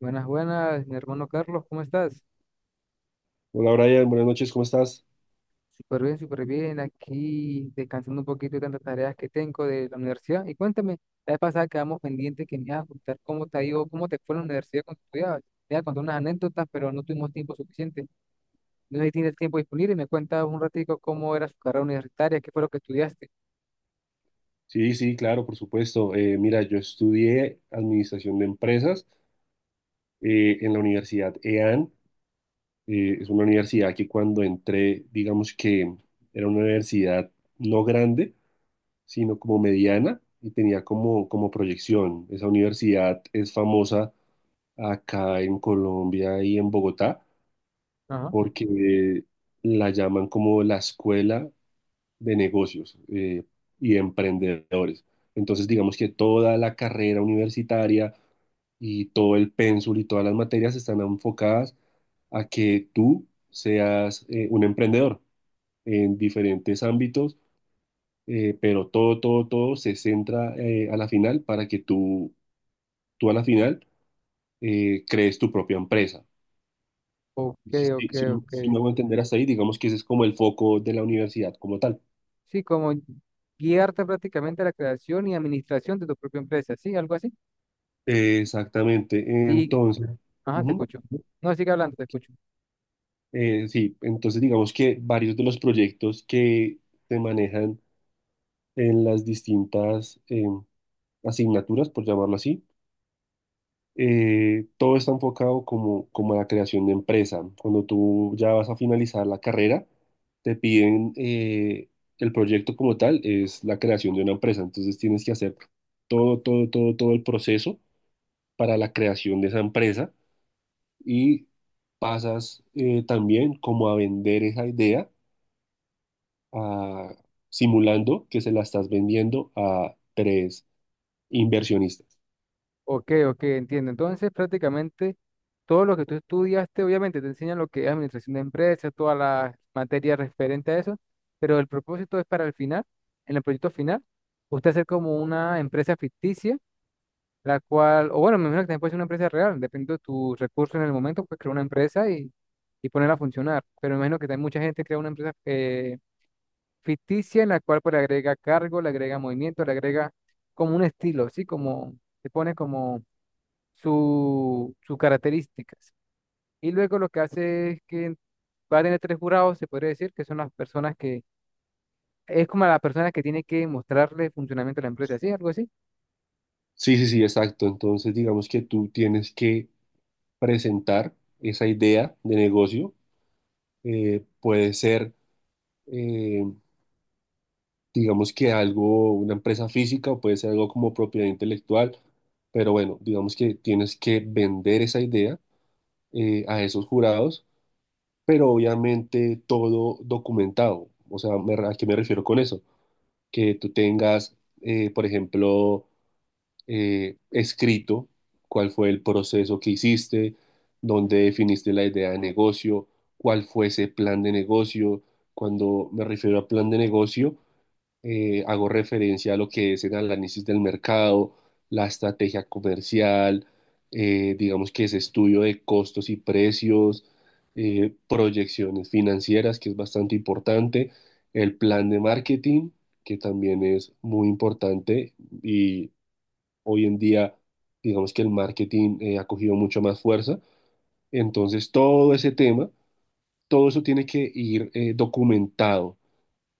Buenas, buenas, mi hermano Carlos, ¿cómo estás? Hola Brian, buenas noches, ¿cómo estás? Súper bien, aquí descansando un poquito de tantas tareas que tengo de la universidad. Y cuéntame, la vez pasada quedamos pendientes que me ibas a contar cómo te ha ido, cómo te fue en la universidad cuando estudiabas. Te iba a contar unas anécdotas, pero no tuvimos tiempo suficiente. No sé si tienes tiempo disponible y me cuentas un ratico cómo era su carrera universitaria, qué fue lo que estudiaste. Sí, sí, claro, por supuesto. Mira, yo estudié Administración de Empresas en la Universidad EAN. Es una universidad que cuando entré, digamos que era una universidad no grande, sino como mediana y tenía como, como proyección. Esa universidad es famosa acá en Colombia y en Bogotá Ajá. porque la llaman como la escuela de negocios y emprendedores. Entonces, digamos que toda la carrera universitaria y todo el pénsul y todas las materias están enfocadas a que tú seas un emprendedor en diferentes ámbitos, pero todo, todo, todo se centra a la final para que tú, a la final crees tu propia empresa. Ok, Si, si, ok, si- ok. si me hago entender hasta ahí, digamos que ese es como el foco de la universidad como tal. Sí, como guiarte prácticamente a la creación y administración de tu propia empresa, ¿sí? Algo así. Exactamente. Y, Entonces, ajá, te ujú. escucho. No, sigue hablando, te escucho. Sí, entonces digamos que varios de los proyectos que se manejan en las distintas asignaturas, por llamarlo así, todo está enfocado como, como a la creación de empresa. Cuando tú ya vas a finalizar la carrera, te piden el proyecto como tal, es la creación de una empresa. Entonces tienes que hacer todo, todo, todo, todo el proceso para la creación de esa empresa y pasas también como a vender esa idea a- simulando que se la estás vendiendo a tres inversionistas. Ok, ok, entiendo. Entonces, prácticamente todo lo que tú estudiaste, obviamente te enseñan lo que es administración de empresas, todas las materias referentes a eso, pero el propósito es para el final, en el proyecto final, usted hacer como una empresa ficticia, la cual, o bueno, me imagino que también puede ser una empresa real, dependiendo de tus recursos en el momento, pues crear una empresa y ponerla a funcionar. Pero me imagino que también mucha gente crea una empresa ficticia en la cual pues le agrega cargo, le agrega movimiento, le agrega como un estilo, ¿sí? Como se pone como sus características. Y luego lo que hace es que va a tener tres jurados, se podría decir, que son las personas que, es como la persona que tiene que mostrarle el funcionamiento de la empresa, ¿sí? Algo así. Sí, sí, sí, exacto. Entonces, digamos que tú tienes que presentar esa idea de negocio. Puede ser, eh, digamos que algo, una empresa física o puede ser algo como propiedad intelectual. Pero bueno, digamos que tienes que vender esa idea a esos jurados, pero obviamente todo documentado. O sea, ¿a qué me refiero con eso? Que tú tengas, por ejemplo, escrito cuál fue el proceso que hiciste, dónde definiste la idea de negocio, cuál fue ese plan de negocio. Cuando me refiero a plan de negocio, hago referencia a lo que es el análisis del mercado, la estrategia comercial, digamos que es estudio de costos y precios, proyecciones financieras, que es bastante importante, el plan de marketing, que también es muy importante y hoy en día, digamos que el marketing ha cogido mucho más fuerza. Entonces, todo ese tema, todo eso tiene que ir documentado.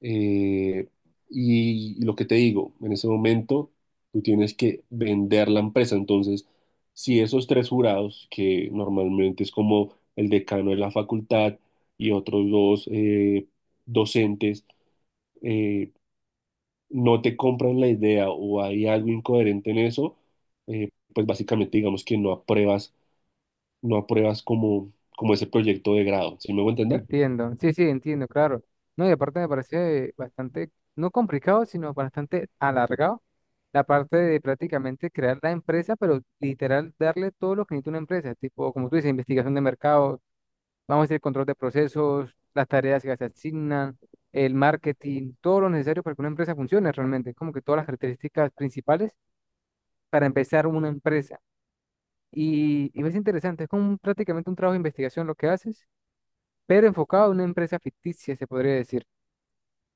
Eh, y lo que te digo, en ese momento tú tienes que vender la empresa. Entonces, si esos tres jurados, que normalmente es como el decano de la facultad y otros dos docentes, eh, no te compran la idea o hay algo incoherente en eso, pues básicamente digamos que no apruebas, no apruebas como, como ese proyecto de grado. ¿Sí me voy a entender? Entiendo, sí, sí, entiendo, claro. No, y aparte me parece bastante, no complicado, sino bastante alargado, la parte de prácticamente crear la empresa, pero literal darle todo lo que necesita una empresa, tipo, como tú dices, investigación de mercado, vamos a hacer control de procesos, las tareas que se asignan, el marketing, todo lo necesario para que una empresa funcione realmente, como que todas las características principales para empezar una empresa. Y es interesante, es como prácticamente un trabajo de investigación lo que haces, pero enfocado a una empresa ficticia, se podría decir.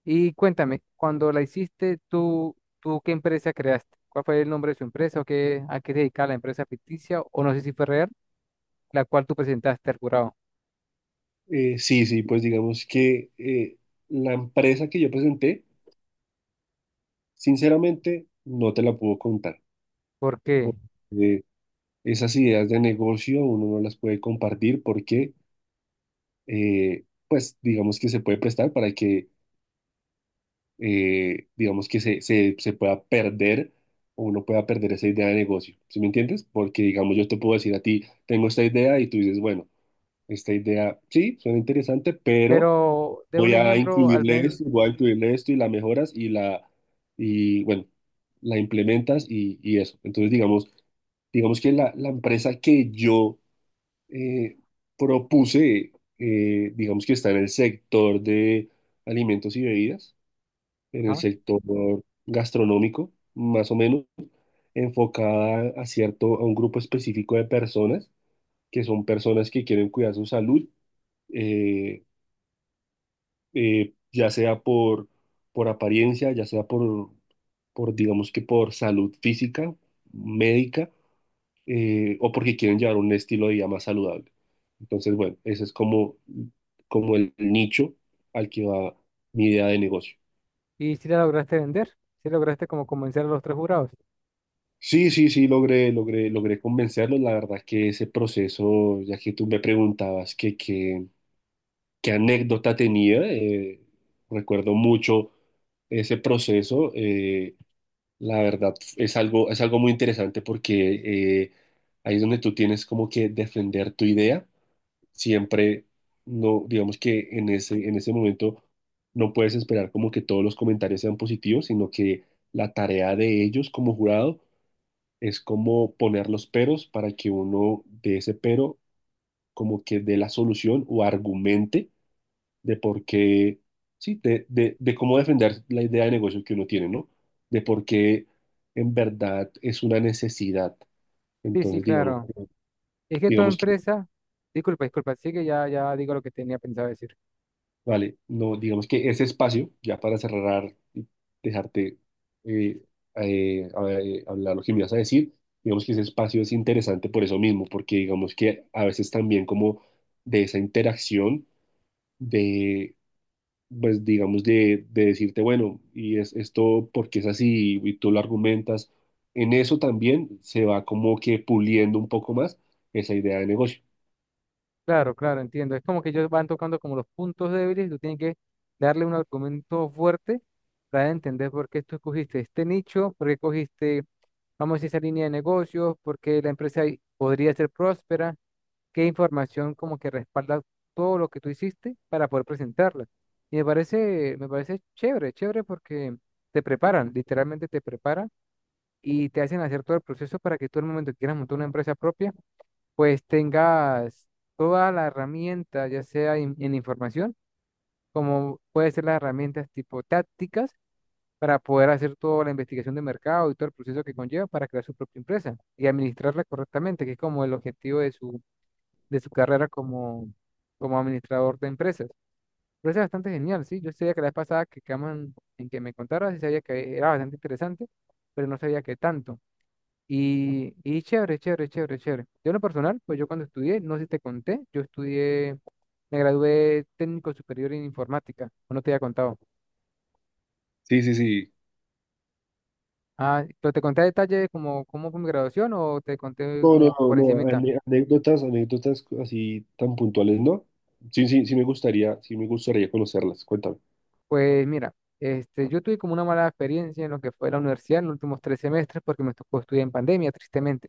Y cuéntame, cuando la hiciste, ¿tú qué empresa creaste? ¿Cuál fue el nombre de su empresa o qué, a qué se dedicaba la empresa ficticia? O no sé si fue real, la cual tú presentaste al jurado. Sí, sí, pues digamos que la empresa que yo presenté, sinceramente, no te la puedo contar. ¿Por qué? Porque esas ideas de negocio uno no las puede compartir porque, pues, digamos que se puede prestar para que, digamos que se pueda perder o uno pueda perder esa idea de negocio. ¿Sí me entiendes? Porque, digamos, yo te puedo decir a ti, tengo esta idea y tú dices, bueno, esta idea sí, suena interesante, pero Pero de un voy a ejemplo, al incluirle ver. esto, voy a incluirle esto y la mejoras y y bueno, la implementas y eso. Entonces, digamos, digamos que la empresa que yo eh, propuse, digamos que está en el sector de alimentos y bebidas, en el Ajá. sector gastronómico, más o menos, enfocada a cierto, a un grupo específico de personas, que son personas que quieren cuidar su salud, eh, ya sea por apariencia, ya sea por, digamos que por salud física, médica, o porque quieren llevar un estilo de vida más saludable. Entonces, bueno, ese es como, como el nicho al que va mi idea de negocio. ¿Y si la lograste vender? ¿Si lograste como convencer a los tres jurados? Sí, sí, sí, logré, logré, logré convencerlos. La verdad que ese proceso, ya que tú me preguntabas que, qué anécdota tenía, recuerdo mucho ese proceso. La verdad, es algo muy interesante porque ahí es donde tú tienes como que defender tu idea. Siempre, no, digamos que en ese momento no puedes esperar como que todos los comentarios sean positivos, sino que la tarea de ellos como jurado es como poner los peros para que uno de ese pero como que dé la solución o argumente de por qué, sí, de cómo defender la idea de negocio que uno tiene, ¿no? De por qué en verdad es una necesidad. Sí, sí, Entonces, digamos, claro. Es que toda digamos que, empresa, disculpa, disculpa, sí que ya, ya digo lo que tenía pensado decir. vale, no, digamos que ese espacio, ya para cerrar y dejarte eh, hablar lo que me ibas a decir, digamos que ese espacio es interesante por eso mismo, porque digamos que a veces también como de esa interacción de pues digamos, de decirte, bueno, y es esto porque es así y tú lo argumentas, en eso también se va como que puliendo un poco más esa idea de negocio. Claro, claro, entiendo. Es como que ellos van tocando como los puntos débiles y tú tienes que darle un argumento fuerte para entender por qué tú escogiste este nicho, por qué cogiste, vamos a decir, esa línea de negocios, por qué la empresa podría ser próspera. Qué información como que respalda todo lo que tú hiciste para poder presentarla. Y me parece chévere, chévere porque te preparan, literalmente te preparan y te hacen hacer todo el proceso para que tú el momento que quieras montar una empresa propia, pues tengas toda la herramienta, ya sea en información, como puede ser las herramientas tipo tácticas para poder hacer toda la investigación de mercado y todo el proceso que conlleva para crear su propia empresa y administrarla correctamente, que es como el objetivo de su carrera como, como administrador de empresas. Pero es bastante genial, ¿sí? Yo sabía que la vez pasada que quedaban en que me contaras, sí sabía que era bastante interesante, pero no sabía que tanto. Y chévere, chévere, chévere, chévere. Yo en lo personal, pues yo cuando estudié, no sé si te conté, yo estudié, me gradué técnico superior en informática, o no te había contado. Sí, sí, sí. Ah, pero te conté a detalle como cómo fue mi graduación o te conté No, no, como que no, por no, encimita. Anécdotas, anécdotas así tan puntuales, ¿no? Sí, sí, sí me gustaría conocerlas, cuéntame. Pues mira, este, yo tuve como una mala experiencia en lo que fue la universidad en los últimos tres semestres porque me tocó estudiar en pandemia, tristemente.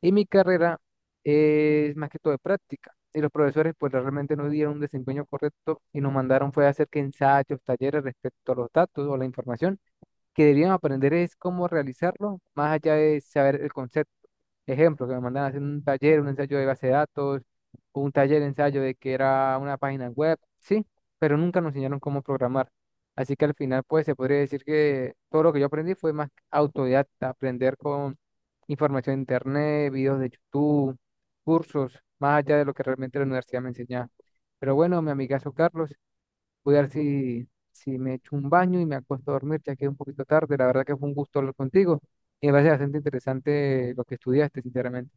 Y mi carrera es más que todo de práctica. Y los profesores pues realmente no dieron un desempeño correcto y nos mandaron fue a hacer que ensayos, talleres respecto a los datos o la información que deberían aprender es cómo realizarlo, más allá de saber el concepto. Ejemplo, que me mandaban a hacer un taller, un ensayo de base de datos, un taller de ensayo de que era una página web, sí, pero nunca nos enseñaron cómo programar. Así que al final, pues se podría decir que todo lo que yo aprendí fue más autodidacta, aprender con información de internet, videos de YouTube, cursos, más allá de lo que realmente la universidad me enseñaba. Pero bueno, mi amigazo Carlos, voy a ver si me echo un baño y me acuesto a dormir, ya que es un poquito tarde. La verdad que fue un gusto hablar contigo y me parece bastante interesante lo que estudiaste, sinceramente.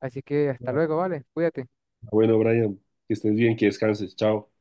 Así que hasta Ah, luego, ¿vale? Cuídate. bueno, Brian, que estés bien, que descanses, chao.